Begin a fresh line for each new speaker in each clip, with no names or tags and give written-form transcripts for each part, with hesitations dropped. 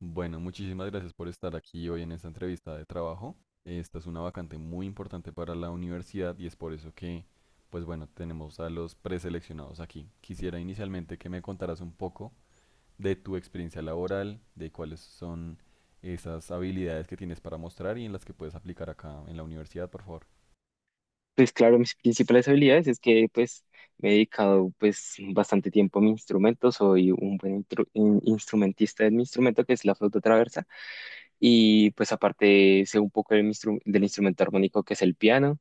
Bueno, muchísimas gracias por estar aquí hoy en esta entrevista de trabajo. Esta es una vacante muy importante para la universidad y es por eso que, pues bueno, tenemos a los preseleccionados aquí. Quisiera inicialmente que me contaras un poco de tu experiencia laboral, de cuáles son esas habilidades que tienes para mostrar y en las que puedes aplicar acá en la universidad, por favor.
Pues claro, mis principales habilidades es que pues me he dedicado pues bastante tiempo a mi instrumento, soy un buen instrumentista de mi instrumento, que es la flauta traversa, y pues aparte sé un poco del, del instrumento armónico, que es el piano.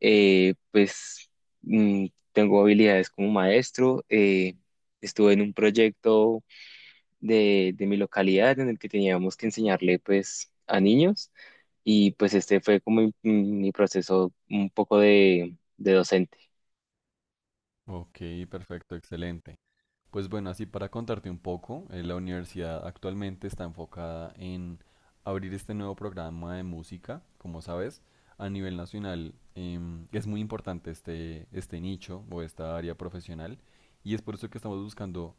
Eh, pues mm, tengo habilidades como maestro. Estuve en un proyecto de mi localidad en el que teníamos que enseñarle pues a niños, y pues este fue como mi proceso un poco de docente.
Ok, perfecto, excelente. Pues bueno, así para contarte un poco, la universidad actualmente está enfocada en abrir este nuevo programa de música, como sabes, a nivel nacional, es muy importante este nicho o esta área profesional y es por eso que estamos buscando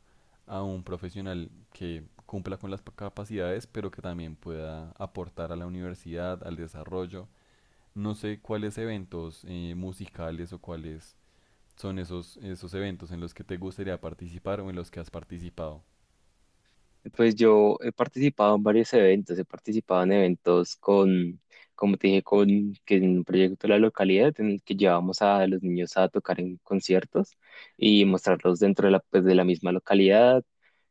a un profesional que cumpla con las capacidades, pero que también pueda aportar a la universidad, al desarrollo. No sé cuáles eventos musicales o cuáles son esos eventos en los que te gustaría participar o en los que has participado.
Pues yo he participado en varios eventos, he participado en eventos con, como te dije, con que en un proyecto de la localidad en el que llevábamos a los niños a tocar en conciertos y mostrarlos dentro de la, pues, de la misma localidad.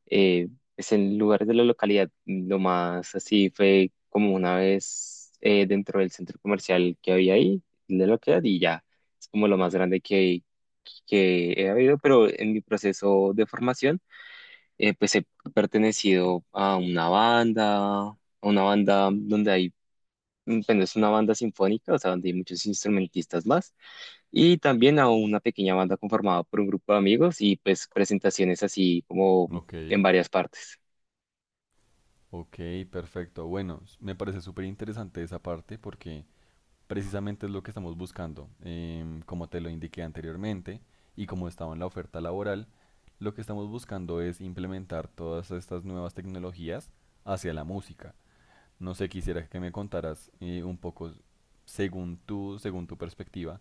Eh, pues en lugares de la localidad, lo más así fue como una vez dentro del centro comercial que había ahí, de la localidad, y ya, es como lo más grande que he habido. Pero en mi proceso de formación, pues he pertenecido a una banda donde bueno, es una banda sinfónica, o sea, donde hay muchos instrumentistas más, y también a una pequeña banda conformada por un grupo de amigos, y pues presentaciones así como
Ok,
en varias partes.
ok, perfecto. Bueno, me parece súper interesante esa parte porque precisamente es lo que estamos buscando. Como te lo indiqué anteriormente y como estaba en la oferta laboral, lo que estamos buscando es implementar todas estas nuevas tecnologías hacia la música. No sé, quisiera que me contaras un poco, según tú, según tu perspectiva,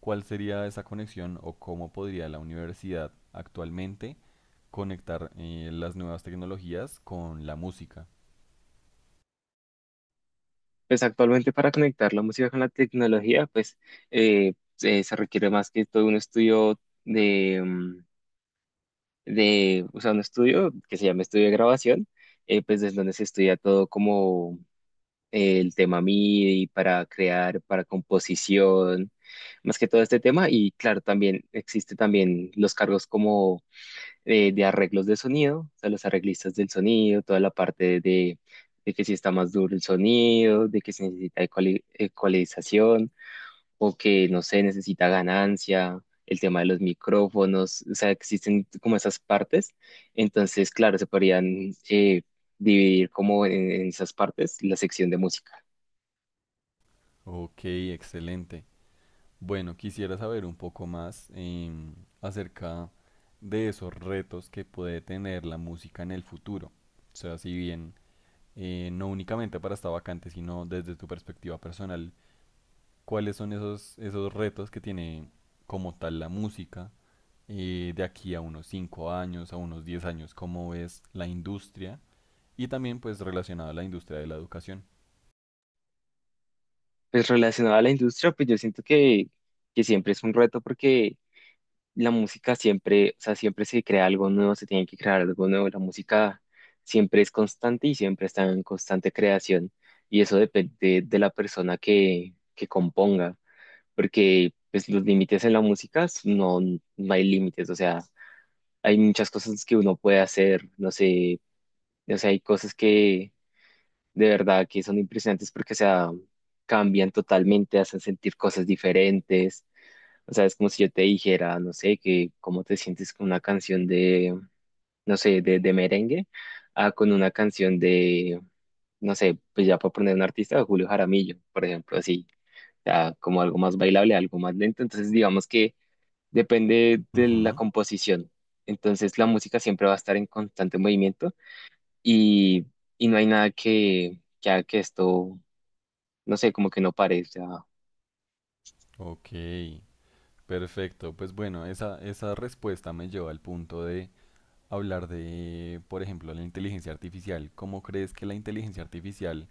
cuál sería esa conexión o cómo podría la universidad actualmente conectar las nuevas tecnologías con la música.
Pues actualmente, para conectar la música con la tecnología, pues se requiere más que todo un estudio de, mm, o sea, un estudio que se llama estudio de grabación, pues desde donde se estudia todo como el tema MIDI para crear, para composición, más que todo este tema. Y claro, también existe también los cargos como de arreglos de sonido, o sea, los arreglistas del sonido, toda la parte de que si está más duro el sonido, de que se necesita ecualización, o que, no sé, necesita ganancia. El tema de los micrófonos, o sea, existen como esas partes, entonces, claro, se podrían dividir como en esas partes la sección de música.
Ok, excelente. Bueno, quisiera saber un poco más, acerca de esos retos que puede tener la música en el futuro. O sea, si bien no únicamente para esta vacante, sino desde tu perspectiva personal, cuáles son esos retos que tiene como tal la música, de aquí a unos 5 años, a unos 10 años, cómo es la industria y también pues relacionado a la industria de la educación.
Pues relacionado a la industria, pues yo siento que siempre es un reto, porque la música siempre, o sea, siempre se crea algo nuevo, se tiene que crear algo nuevo. La música siempre es constante y siempre está en constante creación. Y eso depende de la persona que componga, porque pues los límites en la música no, no hay límites. O sea, hay muchas cosas que uno puede hacer, no sé, o sea, hay cosas que de verdad que son impresionantes porque, o sea, cambian totalmente, hacen sentir cosas diferentes. O sea, es como si yo te dijera, no sé, que cómo te sientes con una canción de, no sé, de merengue, a con una canción de, no sé, pues ya para poner un artista, de Julio Jaramillo, por ejemplo, así, ya como algo más bailable, algo más lento. Entonces, digamos que depende de la
Ujú.
composición. Entonces, la música siempre va a estar en constante movimiento y, y no hay nada que haga que esto, no sé, como que no parece. Ah.
Ok, perfecto. Pues bueno, esa respuesta me lleva al punto de hablar de, por ejemplo, la inteligencia artificial. ¿Cómo crees que la inteligencia artificial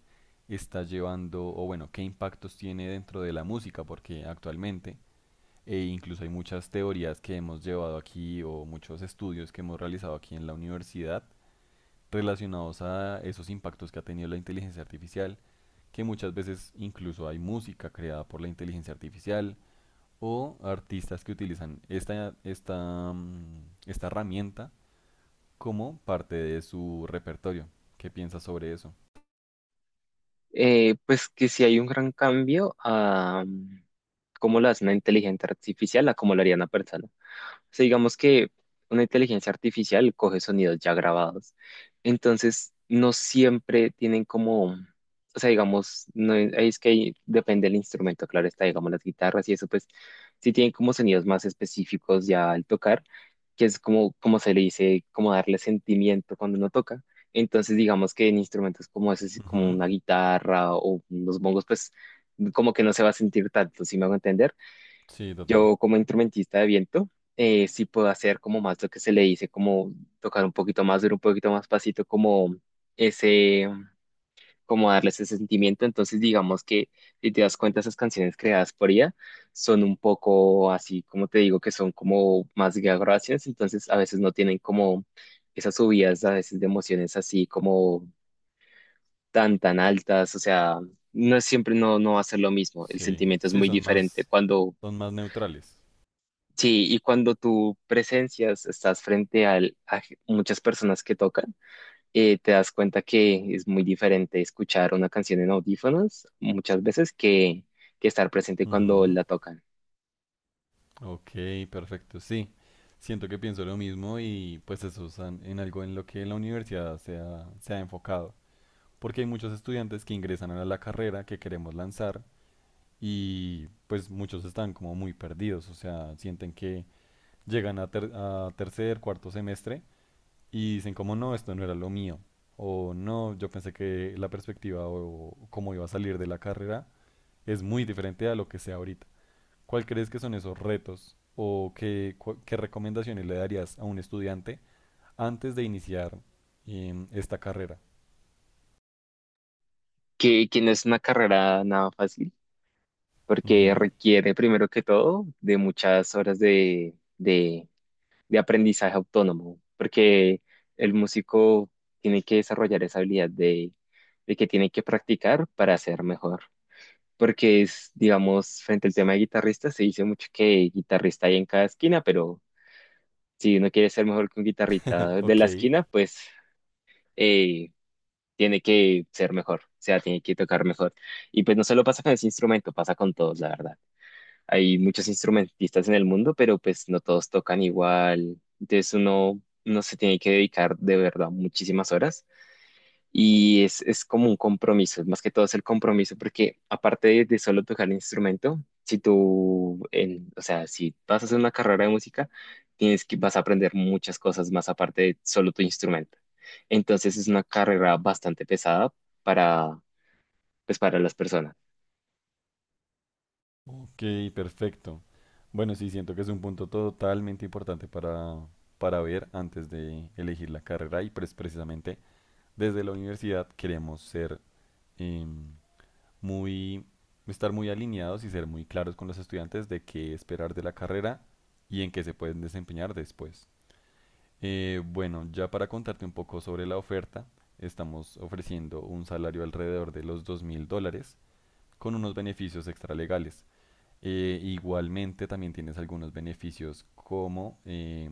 está llevando, o bueno, qué impactos tiene dentro de la música? Porque actualmente e incluso hay muchas teorías que hemos llevado aquí o muchos estudios que hemos realizado aquí en la universidad relacionados a esos impactos que ha tenido la inteligencia artificial, que muchas veces incluso hay música creada por la inteligencia artificial o artistas que utilizan esta herramienta como parte de su repertorio. ¿Qué piensas sobre eso?
Pues que si hay un gran cambio a cómo lo hace una inteligencia artificial a cómo lo haría una persona. O sea, digamos que una inteligencia artificial coge sonidos ya grabados. Entonces, no siempre tienen como, o sea, digamos, no es, ahí es que ahí depende del instrumento, claro está, digamos, las guitarras y eso, pues sí tienen como sonidos más específicos ya al tocar, que es como, como se le dice, como darle sentimiento cuando uno toca. Entonces, digamos que en instrumentos como ese, como
Ujú.
una guitarra o los bongos, pues como que no se va a sentir tanto, ¿si me hago entender?
Sí, total.
Yo como instrumentista de viento, sí puedo hacer como más lo que se le dice, como tocar un poquito más duro, un poquito más pasito, como ese, como darle ese sentimiento. Entonces digamos que si te das cuenta, esas canciones creadas por ella son un poco así, como te digo, que son como más gracias, entonces a veces no tienen como esas subidas a veces de emociones así como tan, tan altas, o sea, no es siempre, no, no va a ser lo mismo, el
Sí,
sentimiento es
sí,
muy
son
diferente
más,
cuando...
son más neutrales.
Sí, y cuando tú presencias, estás frente muchas personas que tocan, te das cuenta que es muy diferente escuchar una canción en audífonos muchas veces que estar presente cuando
Ujú.
la tocan.
Ok, perfecto. Sí, siento que pienso lo mismo y pues eso es en algo en lo que la universidad se ha enfocado. Porque hay muchos estudiantes que ingresan a la carrera que queremos lanzar y pues muchos están como muy perdidos, o sea, sienten que llegan a, a tercer, cuarto semestre y dicen como no, esto no era lo mío. O no, yo pensé que la perspectiva o cómo iba a salir de la carrera es muy diferente a lo que sea ahorita. ¿Cuál crees que son esos retos o qué, qué recomendaciones le darías a un estudiante antes de iniciar, esta carrera?
Que no es una carrera nada fácil, porque
Ujú.
requiere primero que todo de muchas horas de aprendizaje autónomo, porque el músico tiene que desarrollar esa habilidad de que tiene que practicar para ser mejor. Porque es, digamos, frente al tema de guitarrista se dice mucho que guitarrista hay en cada esquina, pero si uno quiere ser mejor que un guitarrista de la
Ok,
esquina, pues eh, tiene que ser mejor, o sea, tiene que tocar mejor. Y pues no solo pasa con ese instrumento, pasa con todos, la verdad. Hay muchos instrumentistas en el mundo, pero pues no todos tocan igual, entonces uno, no se tiene que dedicar de verdad muchísimas horas, y es como un compromiso, más que todo es el compromiso, porque aparte de solo tocar el instrumento, si tú, o sea, si vas a hacer una carrera de música, tienes que, vas a aprender muchas cosas más aparte de solo tu instrumento. Entonces es una carrera bastante pesada para, pues, para las personas.
ok, perfecto. Bueno, sí, siento que es un punto totalmente importante para ver antes de elegir la carrera y pues precisamente desde la universidad queremos ser, em, muy, estar muy alineados y ser muy claros con los estudiantes de qué esperar de la carrera y en qué se pueden desempeñar después. Bueno, ya para contarte un poco sobre la oferta, estamos ofreciendo un salario alrededor de los $2,000 con unos beneficios extralegales. Igualmente también tienes algunos beneficios como eh,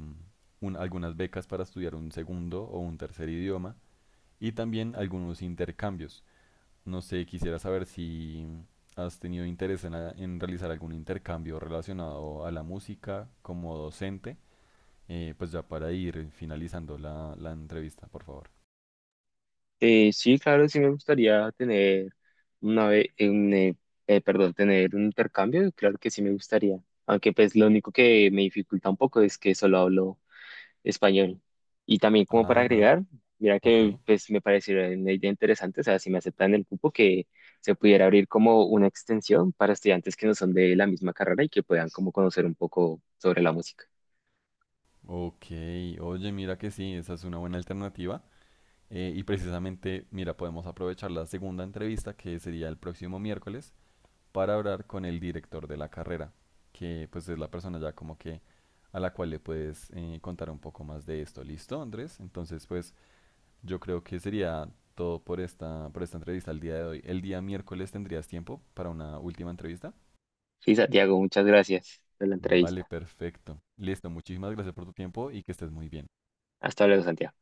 un- algunas becas para estudiar un segundo o un tercer idioma y también algunos intercambios. No sé, quisiera saber si has tenido interés en, en realizar algún intercambio relacionado a la música como docente. Pues ya para ir finalizando la, la entrevista, por favor.
Sí, claro, sí me gustaría tener una vez, perdón, tener un intercambio, claro que sí me gustaría. Aunque pues lo único que me dificulta un poco es que solo hablo español. Y también como para
Ah, no.
agregar, mira
Ok.
que pues me pareció una idea interesante, o sea, si me aceptan el cupo, que se pudiera abrir como una extensión para estudiantes que no son de la misma carrera y que puedan como conocer un poco sobre la música.
Ok. Oye, mira que sí, esa es una buena alternativa. Y precisamente, mira, podemos aprovechar la segunda entrevista, que sería el próximo miércoles, para hablar con el director de la carrera, que pues es la persona ya como que a la cual le puedes contar un poco más de esto. ¿Listo, Andrés? Entonces, pues yo creo que sería todo por esta entrevista el día de hoy. ¿El día miércoles tendrías tiempo para una última entrevista?
Sí, Santiago, muchas gracias por la
Vale,
entrevista.
perfecto. Listo, muchísimas gracias por tu tiempo y que estés muy bien.
Hasta luego, Santiago.